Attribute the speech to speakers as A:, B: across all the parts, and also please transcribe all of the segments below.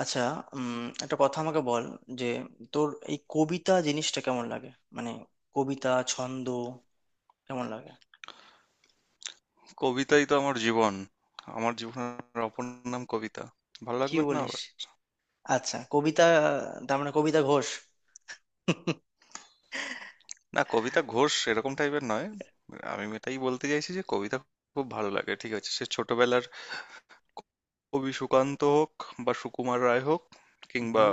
A: আচ্ছা। উম একটা কথা আমাকে বল যে তোর এই কবিতা জিনিসটা কেমন লাগে। মানে কবিতা ছন্দ কেমন লাগে?
B: কবিতাই তো আমার জীবন। আমার জীবনের অপর নাম কবিতা। ভালো
A: কি
B: লাগবে না
A: বলিস?
B: আবার?
A: আচ্ছা, কবিতা, তার মানে কবিতা ঘোষ?
B: না, কবিতা ঘোষ এরকম টাইপের নয়। আমি এটাই বলতে চাইছি যে কবিতা খুব ভালো লাগে, ঠিক আছে? সে ছোটবেলার কবি সুকান্ত হোক, বা সুকুমার রায় হোক, কিংবা
A: হুম।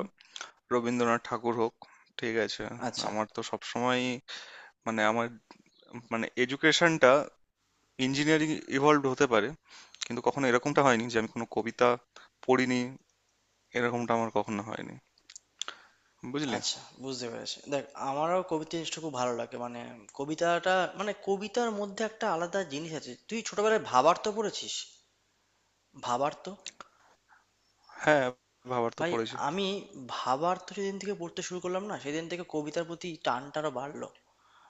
B: রবীন্দ্রনাথ ঠাকুর হোক, ঠিক আছে?
A: আচ্ছা।
B: আমার তো সবসময় মানে আমার মানে এডুকেশনটা ইঞ্জিনিয়ারিং ইভলভ হতে পারে, কিন্তু কখনো এরকমটা হয়নি যে আমি কোনো কবিতা পড়িনি। এরকমটা আমার কখনো হয়নি, বুঝলি?
A: আচ্ছা, বুঝতে পেরেছি। দেখ, আমারও কবিতা জিনিসটা খুব ভালো লাগে। মানে কবিতাটা, মানে কবিতার মধ্যে একটা আলাদা জিনিস আছে। তুই ছোটবেলায় ভাবার্ত পড়েছিস? ভাবার্ত
B: হ্যাঁ, ভাবার তো
A: ভাই,
B: পড়েছি।
A: আমি ভাবার্ত যেদিন থেকে পড়তে শুরু করলাম না, সেদিন থেকে কবিতার প্রতি টানটা আরো বাড়লো।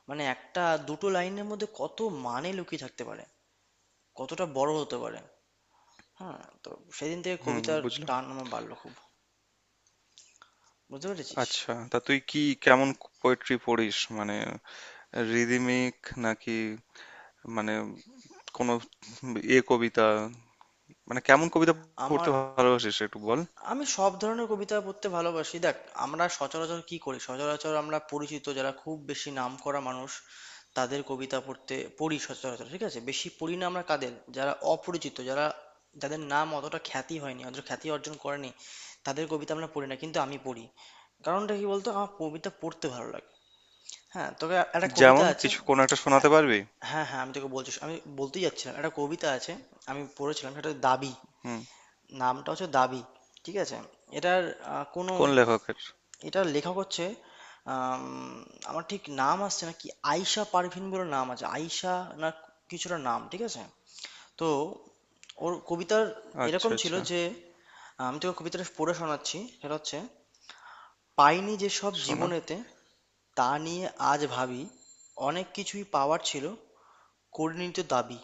A: মানে একটা দুটো লাইনের মধ্যে কত মানে লুকিয়ে থাকতে পারে, কতটা বড় হতে পারে। হ্যাঁ, তো সেদিন থেকে
B: হুম,
A: কবিতার
B: বুঝলাম।
A: টান আমার বাড়লো খুব। বুঝতে পেরেছিস?
B: আচ্ছা, তা তুই কেমন পোয়েট্রি পড়িস? মানে রিদমিক, নাকি মানে কোনো কবিতা, মানে কেমন কবিতা
A: আমার
B: পড়তে ভালোবাসিস একটু বল?
A: আমি সব ধরনের কবিতা পড়তে ভালোবাসি। দেখ, আমরা সচরাচর কি করি? সচরাচর আমরা পরিচিত যারা খুব বেশি নামকরা মানুষ, তাদের কবিতা পড়তে পড়ি সচরাচর, ঠিক আছে। বেশি পড়ি না আমরা কাদের, যারা অপরিচিত, যারা, যাদের নাম অতটা খ্যাতি হয়নি, অতটা খ্যাতি অর্জন করেনি, তাদের কবিতা আমরা পড়ি না। কিন্তু আমি পড়ি। কারণটা কি বলতো? আমার কবিতা পড়তে ভালো লাগে। হ্যাঁ, তোকে একটা কবিতা
B: যেমন
A: আছে।
B: কিছু কোনো একটা শোনাতে
A: আ-
B: পারবি?
A: হ্যাঁ, হ্যাঁ, আমি তোকে বলছি, আমি বলতেই যাচ্ছিলাম একটা কবিতা আছে। আমি পড়েছিলাম, সেটা হচ্ছে "দাবি"।
B: হুম,
A: নামটা হচ্ছে "দাবি", ঠিক আছে। এটার আহ, কোনো
B: কোন লেখকের?
A: এটার লেখক হচ্ছে, আম, আমার ঠিক নাম আসছে না কি, আয়শা পারভিন বলে নাম আছে। আয়শা, না, কিছুটা নাম, ঠিক আছে। তো ওর কবিতার
B: আচ্ছা,
A: এরকম ছিল
B: আচ্ছা।
A: যে, আমি তোকে কবিতাটা পড়ে শোনাচ্ছি, সেটা হচ্ছে: পাইনি যেসব
B: শোনা?
A: জীবনেতে, তা নিয়ে আজ ভাবি। অনেক কিছুই পাওয়ার ছিল, কর্ণিত দাবি।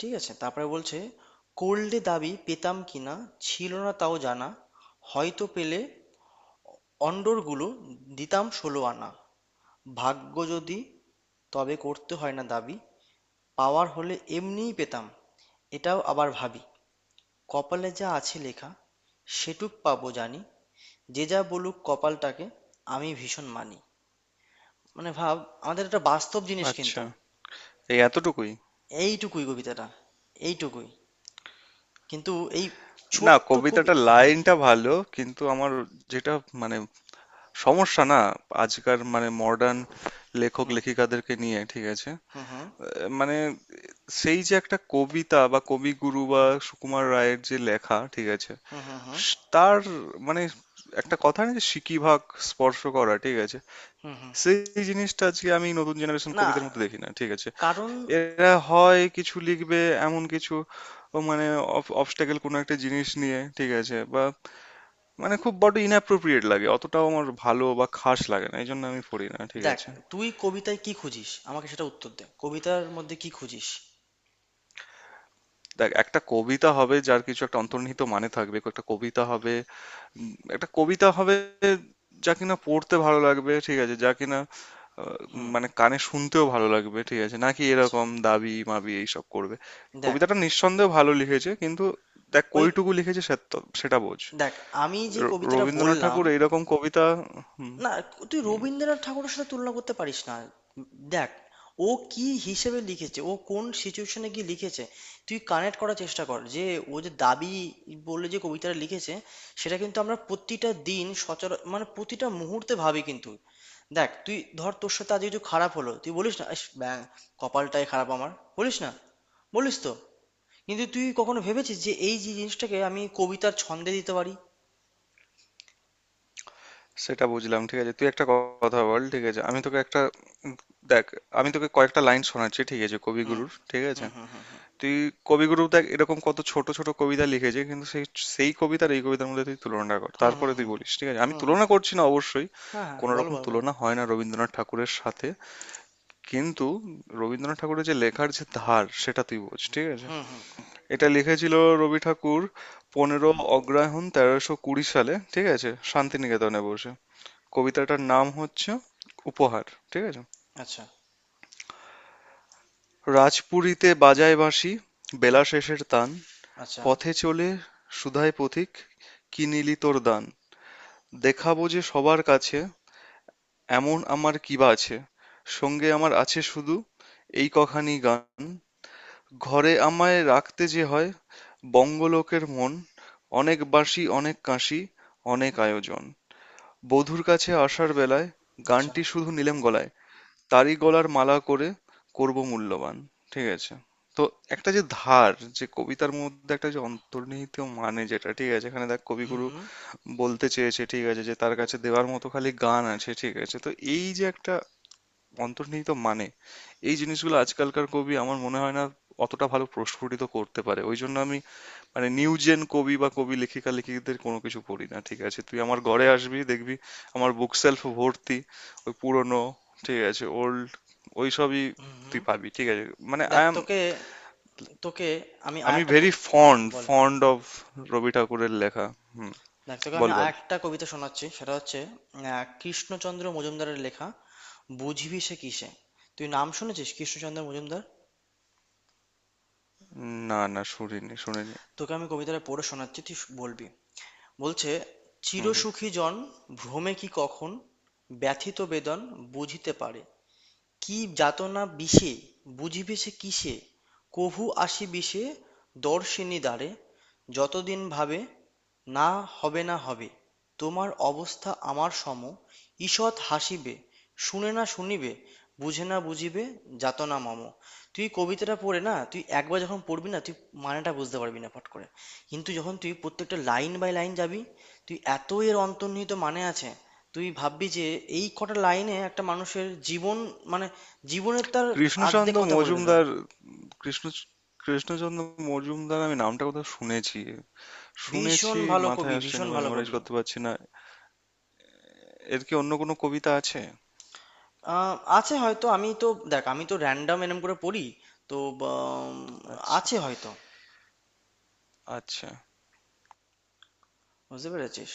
A: ঠিক আছে, তারপরে বলছে: করলে দাবি পেতাম কিনা, ছিল না তাও জানা। হয়তো পেলে অন্ডরগুলো দিতাম ষোলো আনা। ভাগ্য যদি, তবে করতে হয় না দাবি, পাওয়ার হলে এমনিই পেতাম, এটাও আবার ভাবি। কপালে যা আছে লেখা সেটুক পাবো জানি, যে যা বলুক কপালটাকে, আমি ভীষণ মানি। মানে ভাব, আমাদের একটা বাস্তব জিনিস
B: আচ্ছা,
A: কিন্তু।
B: এই এতটুকুই?
A: এইটুকুই কবিতাটা, এইটুকুই। কিন্তু এই
B: না,
A: ছোট্ট কবি...
B: কবিতাটার
A: হুম,
B: লাইনটা ভালো, কিন্তু আমার যেটা মানে সমস্যা না, আজকার মানে মডার্ন লেখক
A: হুম,
B: লেখিকাদেরকে নিয়ে, ঠিক আছে?
A: হুম, হুম,
B: মানে সেই যে একটা কবিতা বা কবিগুরু বা সুকুমার রায়ের যে লেখা, ঠিক আছে?
A: হুম, হুম, হুম,
B: তার মানে একটা কথা না, যে সিকিভাগ স্পর্শ করা, ঠিক আছে?
A: হুম, হুম।
B: সেই জিনিসটা আজকে আমি নতুন জেনারেশন
A: না।
B: কবিদের মধ্যে দেখি না, ঠিক আছে?
A: কারণ...
B: এরা হয় কিছু লিখবে, এমন কিছু, ও মানে অবস্টাকেল কোনো একটা জিনিস নিয়ে, ঠিক আছে, বা মানে খুব বড় ইনঅ্যাপ্রোপ্রিয়েট লাগে, অতটাও আমার ভালো বা খাস লাগে না, এই জন্য আমি পড়ি না, ঠিক
A: দেখ,
B: আছে?
A: তুই কবিতায় কি খুঁজিস? আমাকে সেটা উত্তর দে, কবিতার মধ্যে কি খুঁজিস?
B: দেখ, একটা কবিতা হবে যার কিছু একটা অন্তর্নিহিত মানে থাকবে, একটা কবিতা হবে, একটা কবিতা হবে যা কিনা পড়তে ভালো লাগবে, ঠিক আছে, যা কিনা আহ,
A: হুম।
B: মানে কানে শুনতেও ভালো লাগবে, ঠিক আছে, নাকি
A: আচ্ছা।
B: এরকম দাবি মাবি এইসব করবে।
A: দেখ
B: কবিতাটা নিঃসন্দেহে ভালো লিখেছে, কিন্তু দেখ
A: ওই
B: কইটুকু লিখেছে সে, সেটা বোঝ।
A: দেখ, আমি যে কবিতাটা
B: রবীন্দ্রনাথ
A: বললাম
B: ঠাকুর এইরকম কবিতা। হুম।
A: না, তুই
B: হুম,
A: রবীন্দ্রনাথ ঠাকুরের সাথে তুলনা করতে পারিস না। দেখ, ও কি হিসেবে লিখেছে, ও কোন সিচুয়েশনে গিয়ে লিখেছে। তুই কানেক্ট করার চেষ্টা কর যে ও যে "দাবি" বলে যে কবিতাটা লিখেছে, সেটা কিন্তু আমরা প্রতিটা দিন মানে প্রতিটা মুহূর্তে ভাবি কিন্তু। দেখ, তুই ধর, তোর সাথে আজ কিছু খারাপ হলো, তুই বলিস না "ইস, ব্যাং, কপালটাই খারাপ আমার"। বলিস না? বলিস তো। কিন্তু তুই কখনো ভেবেছিস যে এই যে জিনিসটাকে আমি কবিতার ছন্দে দিতে পারি?
B: সেটা বুঝলাম, ঠিক আছে? তুই একটা কথা বল, ঠিক আছে? আমি তোকে একটা উম, দেখ, আমি তোকে কয়েকটা লাইন শোনাচ্ছি, ঠিক আছে,
A: হুম,
B: কবিগুরুর, ঠিক আছে?
A: হুম, হুম, হুম,
B: তুই কবিগুরু দেখ, এরকম কত ছোট ছোট কবিতা লিখেছে, কিন্তু সেই সেই কবিতার এই কবিতার মধ্যে তুই তুলনা কর,
A: হুম,
B: তারপরে
A: হুম,
B: তুই
A: হুম,
B: বলিস, ঠিক আছে? আমি
A: হুম,
B: তুলনা
A: হুম।
B: করছি না অবশ্যই,
A: হ্যাঁ, হ্যাঁ,
B: কোনো
A: বল,
B: রকম
A: বল, বল।
B: তুলনা হয় না রবীন্দ্রনাথ ঠাকুরের সাথে, কিন্তু রবীন্দ্রনাথ ঠাকুরের যে লেখার যে ধার সেটা তুই বোঝ, ঠিক আছে?
A: হুম, হুম।
B: এটা লিখেছিল রবি ঠাকুর 15 অগ্রহায়ণ 1320 সালে, ঠিক আছে, শান্তিনিকেতনে বসে। কবিতাটার নাম হচ্ছে উপহার, ঠিক আছে।
A: আচ্ছা,
B: রাজপুরীতে বাজায় বাঁশি বেলা শেষের তান,
A: আচ্ছা,
B: পথে চলে সুধায় পথিক, কি নিলি তোর দান, দেখাব যে সবার কাছে, এমন আমার কিবা আছে, সঙ্গে আমার আছে শুধু এই কখানি গান, ঘরে আমায় রাখতে যে হয়, বঙ্গলোকের মন, অনেক বাঁশি অনেক কাঁসি, অনেক আয়োজন, বধূর কাছে আসার বেলায়,
A: আচ্ছা।
B: গানটি শুধু নিলেম গলায়, তারই গলার মালা করে করব মূল্যবান। ঠিক আছে? তো একটা যে ধার, যে কবিতার মধ্যে একটা যে অন্তর্নিহিত মানে, যেটা ঠিক আছে, এখানে দেখ
A: হুম,
B: কবিগুরু
A: হুম,
B: বলতে চেয়েছে, ঠিক আছে, যে তার কাছে দেওয়ার মতো খালি গান আছে, ঠিক আছে? তো এই যে একটা অন্তর্নিহিত মানে, এই জিনিসগুলো আজকালকার কবি আমার মনে হয় না অতটা ভালো প্রস্ফুটিত করতে পারে, ওই জন্য আমি মানে নিউ জেন কবি বা কবি লেখিকাদের কোনো কিছু পড়ি না, ঠিক আছে? তুই আমার ঘরে আসবি, দেখবি আমার বুক সেলফ ভর্তি ওই পুরনো, ঠিক আছে, ওল্ড, ওই সবই
A: হুম,
B: তুই
A: হুম।
B: পাবি, ঠিক আছে? মানে আই
A: দেখ,
B: এম,
A: তোকে তোকে আমি
B: আমি
A: আরেকটা
B: ভেরি
A: হুম,
B: ফন্ড
A: বল।
B: ফন্ড অফ রবি ঠাকুরের লেখা। হুম,
A: দেখ, তোকে
B: বল
A: আমি
B: বল।
A: আরেকটা কবিতা শোনাচ্ছি, সেটা হচ্ছে কৃষ্ণচন্দ্র মজুমদারের লেখা "বুঝিবি সে কিসে"। তুই নাম শুনেছিস, কৃষ্ণচন্দ্র মজুমদার?
B: না না, শুনিনি শুনিনি।
A: তোকে আমি কবিতাটা পড়ে শোনাচ্ছি, তুই বলবি। বলছে:
B: হুম হুম।
A: চিরসুখী জন, ভ্রমে কি কখন ব্যথিত বেদন বুঝিতে পারে। কি যাতনা বিষে, বুঝিবে সে কিসে। কভু আসি বিষে দর্শিনী দ্বারে। যতদিন ভাবে না হবে, না হবে তোমার অবস্থা আমার সম, ঈষৎ হাসিবে, শুনে না শুনিবে, বুঝে না বুঝিবে যাতনা মম। তুই কবিতাটা পড়ে না, তুই একবার যখন পড়বি না, তুই মানেটা বুঝতে পারবি না ফট করে। কিন্তু যখন তুই প্রত্যেকটা লাইন বাই লাইন যাবি, তুই এর অন্তর্নিহিত মানে আছে। তুই ভাববি যে এই কটা লাইনে একটা মানুষের জীবন মানে জীবনের তার আর্ধেক
B: কৃষ্ণচন্দ্র
A: কথা বলে দিল।
B: মজুমদার। কৃষ্ণ কৃষ্ণচন্দ্র মজুমদার, আমি নামটা কোথাও শুনেছি,
A: ভীষণ
B: শুনেছি।
A: ভালো
B: মাথায়
A: কবি,
B: আসছে না,
A: ভীষণ
B: আমি
A: ভালো
B: মেমোরাইজ
A: কবি।
B: করতে পারছি না। এর কি অন্য কোনো কবিতা আছে?
A: আছে হয়তো, আমি তো, দেখ, আমি তো র্যান্ডম এরম করে পড়ি, তো বা, উম,
B: আচ্ছা।
A: আছে হয়তো।
B: আচ্ছা।
A: বুঝতে পেরেছিস?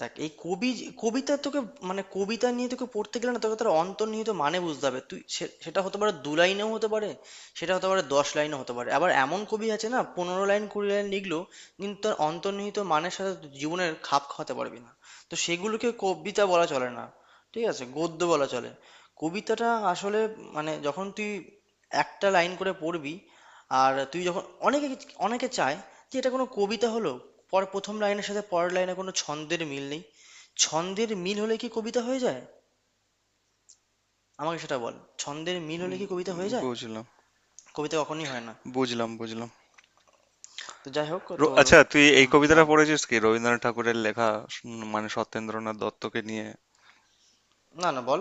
A: দেখ, এই কবি কবিতা তোকে, মানে কবিতা নিয়ে তোকে পড়তে গেলে না, তোকে তার অন্তর্নিহিত মানে বুঝতে হবে। তুই সেটা হতে পারে দু লাইনেও হতে পারে, সেটা হতে পারে 10 লাইনও হতে পারে, আবার এমন কবি আছে না 15 লাইন 20 লাইন লিখলো, কিন্তু তার অন্তর্নিহিত মানের সাথে তুই জীবনের খাপ খাওয়াতে পারবি না। তো সেগুলোকে কবিতা বলা চলে না, ঠিক আছে, গদ্য বলা চলে। কবিতাটা আসলে মানে যখন তুই একটা লাইন করে পড়বি, আর তুই যখন অনেকে অনেকে চায় যে এটা কোনো কবিতা হলো, প্রথম লাইনের সাথে পরের লাইনে কোনো ছন্দের মিল নেই। ছন্দের মিল হলে কি কবিতা হয়ে যায়? আমাকে সেটা বল। ছন্দের মিল হলে কি কবিতা হয়ে যায়?
B: বুঝলাম,
A: কবিতা কখনোই হয় না।
B: বুঝলাম.
A: তো যাই হোক, তোর...
B: আচ্ছা, তুই এই
A: হুম,
B: কবিতাটা
A: বল।
B: পড়েছিস কি, রবীন্দ্রনাথ ঠাকুরের লেখা, মানে সত্যেন্দ্রনাথ দত্তকে নিয়ে?
A: না, না, বল।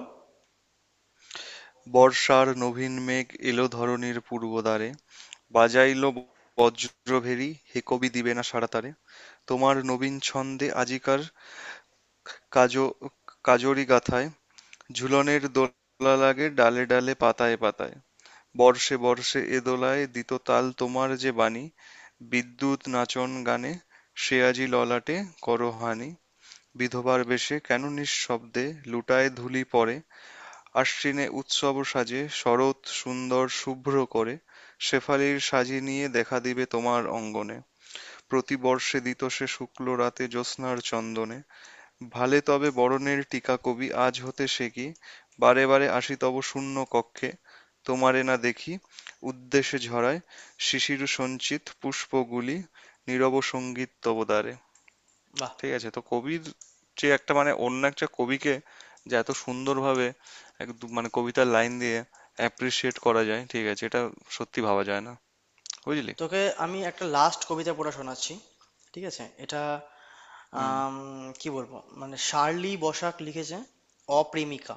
B: বর্ষার নবীন মেঘ এলো ধরণীর পূর্ব দ্বারে, বাজাইলো বজ্রভেরি, হে কবি দিবে না সাড়া তারে? তোমার নবীন ছন্দে আজিকার কাজ কাজরি গাথায় ঝুলনের দোলা লাগে ডালে ডালে পাতায় পাতায়, বর্ষে বর্ষে এ দোলায় দিত তাল তোমার যে বাণী, বিদ্যুৎ নাচন গানে সে আজি ললাটে করো হানি, বিধবার বেশে কেন নিঃশব্দে লুটায় ধূলি পড়ে, আশ্বিনে উৎসব সাজে শরৎ সুন্দর শুভ্র করে, শেফালির সাজি নিয়ে দেখা দিবে তোমার অঙ্গনে, প্রতি বর্ষে দিত সে শুক্ল রাতে জ্যোৎস্নার চন্দনে ভালে, তবে বরণের টীকা কবি আজ হতে সে কি? বারে বারে আসি তব শূন্য কক্ষে তোমারে না দেখি উদ্দেশে ঝরায় শিশিরসঞ্চিত পুষ্পগুলি নীরব সঙ্গীত তব দ্বারে।
A: বাহ!
B: ঠিক আছে? তো কবির যে একটা মানে অন্য একটা কবিকে যে এত সুন্দরভাবে একদম মানে কবিতার লাইন দিয়ে অ্যাপ্রিসিয়েট করা যায়, ঠিক আছে, এটা সত্যি ভাবা যায় না, বুঝলি?
A: তোকে আমি একটা লাস্ট কবিতা পড়া শোনাচ্ছি, ঠিক আছে। এটা
B: হুম।
A: আম, কি বলবো, মানে শার্লি বসাক লিখেছে "অপ্রেমিকা",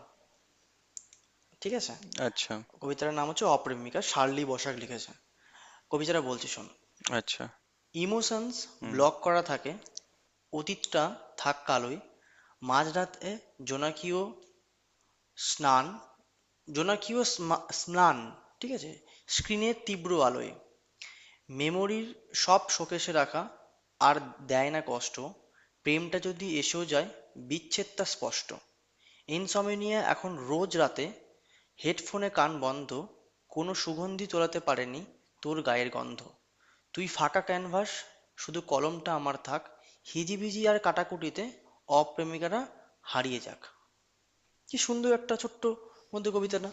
A: ঠিক আছে।
B: আচ্ছা,
A: কবিতাটার নাম হচ্ছে "অপ্রেমিকা", শার্লি বসাক লিখেছে। কবিতাটা বলছি, শোন।
B: আচ্ছা।
A: ইমোশনস
B: হুম।
A: ব্লক করা থাকে, অতীতটা থাক কালোয়। মাঝরাতে জোনাকিও স্নান জোনাকিও স্নান, ঠিক আছে, স্ক্রিনের তীব্র আলোয়। মেমোরির সব শোকেসে রাখা, আর দেয় না কষ্ট। প্রেমটা যদি এসেও যায়, বিচ্ছেদটা স্পষ্ট। ইনসমনিয়া এখন রোজ রাতে, হেডফোনে কান বন্ধ। কোনো সুগন্ধি তোলাতে পারেনি তোর গায়ের গন্ধ। তুই ফাঁকা ক্যানভাস, শুধু কলমটা আমার থাক। হিজিবিজি আর কাটাকুটিতে অপ্রেমিকারা হারিয়ে যাক। কি সুন্দর একটা ছোট্ট মধ্যে কবিতা না?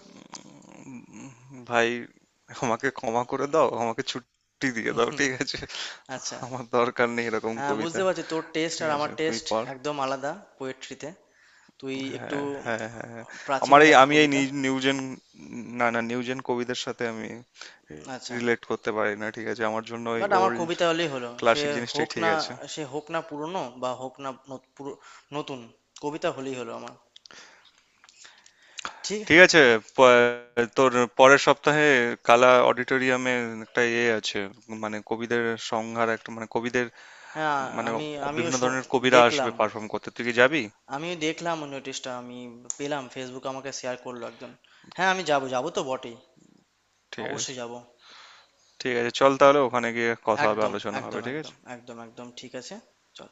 B: উম, ভাই, আমাকে ক্ষমা করে দাও, আমাকে ছুটি দিয়ে দাও, ঠিক আছে?
A: আচ্ছা।
B: আমার দরকার নেই এরকম
A: হ্যাঁ,
B: কবিতা।
A: বুঝতে পারছি তোর টেস্ট
B: ঠিক
A: আর আমার
B: আছে, তুই
A: টেস্ট
B: পড়।
A: একদম আলাদা পোয়েট্রিতে। তুই একটু
B: হ্যাঁ হ্যাঁ হ্যাঁ হ্যাঁ।
A: প্রাচীন
B: আমার এই,
A: গাথা কবিতা।
B: নিউজেন, না না, নিউজেন কবিদের সাথে আমি
A: আচ্ছা।
B: রিলেট করতে পারি না, ঠিক আছে? আমার জন্য ওই
A: বাট আমার
B: ওল্ড
A: কবিতা হলেই হলো,
B: ক্লাসিক জিনিসটাই,
A: হোক
B: ঠিক
A: না
B: আছে।
A: সে হোক না পুরনো বা হোক না নতুন, কবিতা হলেই হলো আমার। ঠিক।
B: ঠিক আছে, তোর পরের সপ্তাহে কালা অডিটোরিয়ামে একটা ইয়ে আছে, মানে কবিদের সংহার একটা, মানে কবিদের,
A: হ্যাঁ,
B: মানে
A: আমি আমিও
B: বিভিন্ন
A: শু-
B: ধরনের কবিরা আসবে
A: দেখলাম,
B: পারফর্ম করতে, তুই কি যাবি?
A: আমি দেখলাম ওই নোটিশটা, আমি পেলাম ফেসবুকে, আমাকে শেয়ার করলো একজন। হ্যাঁ, আমি যাবো, যাবো তো বটেই,
B: ঠিক আছে।
A: অবশ্যই যাবো।
B: ঠিক আছে, চল তাহলে, ওখানে গিয়ে কথা হবে,
A: একদম,
B: আলোচনা হবে,
A: একদম,
B: ঠিক আছে।
A: একদম, একদম, একদম, ঠিক আছে, চল।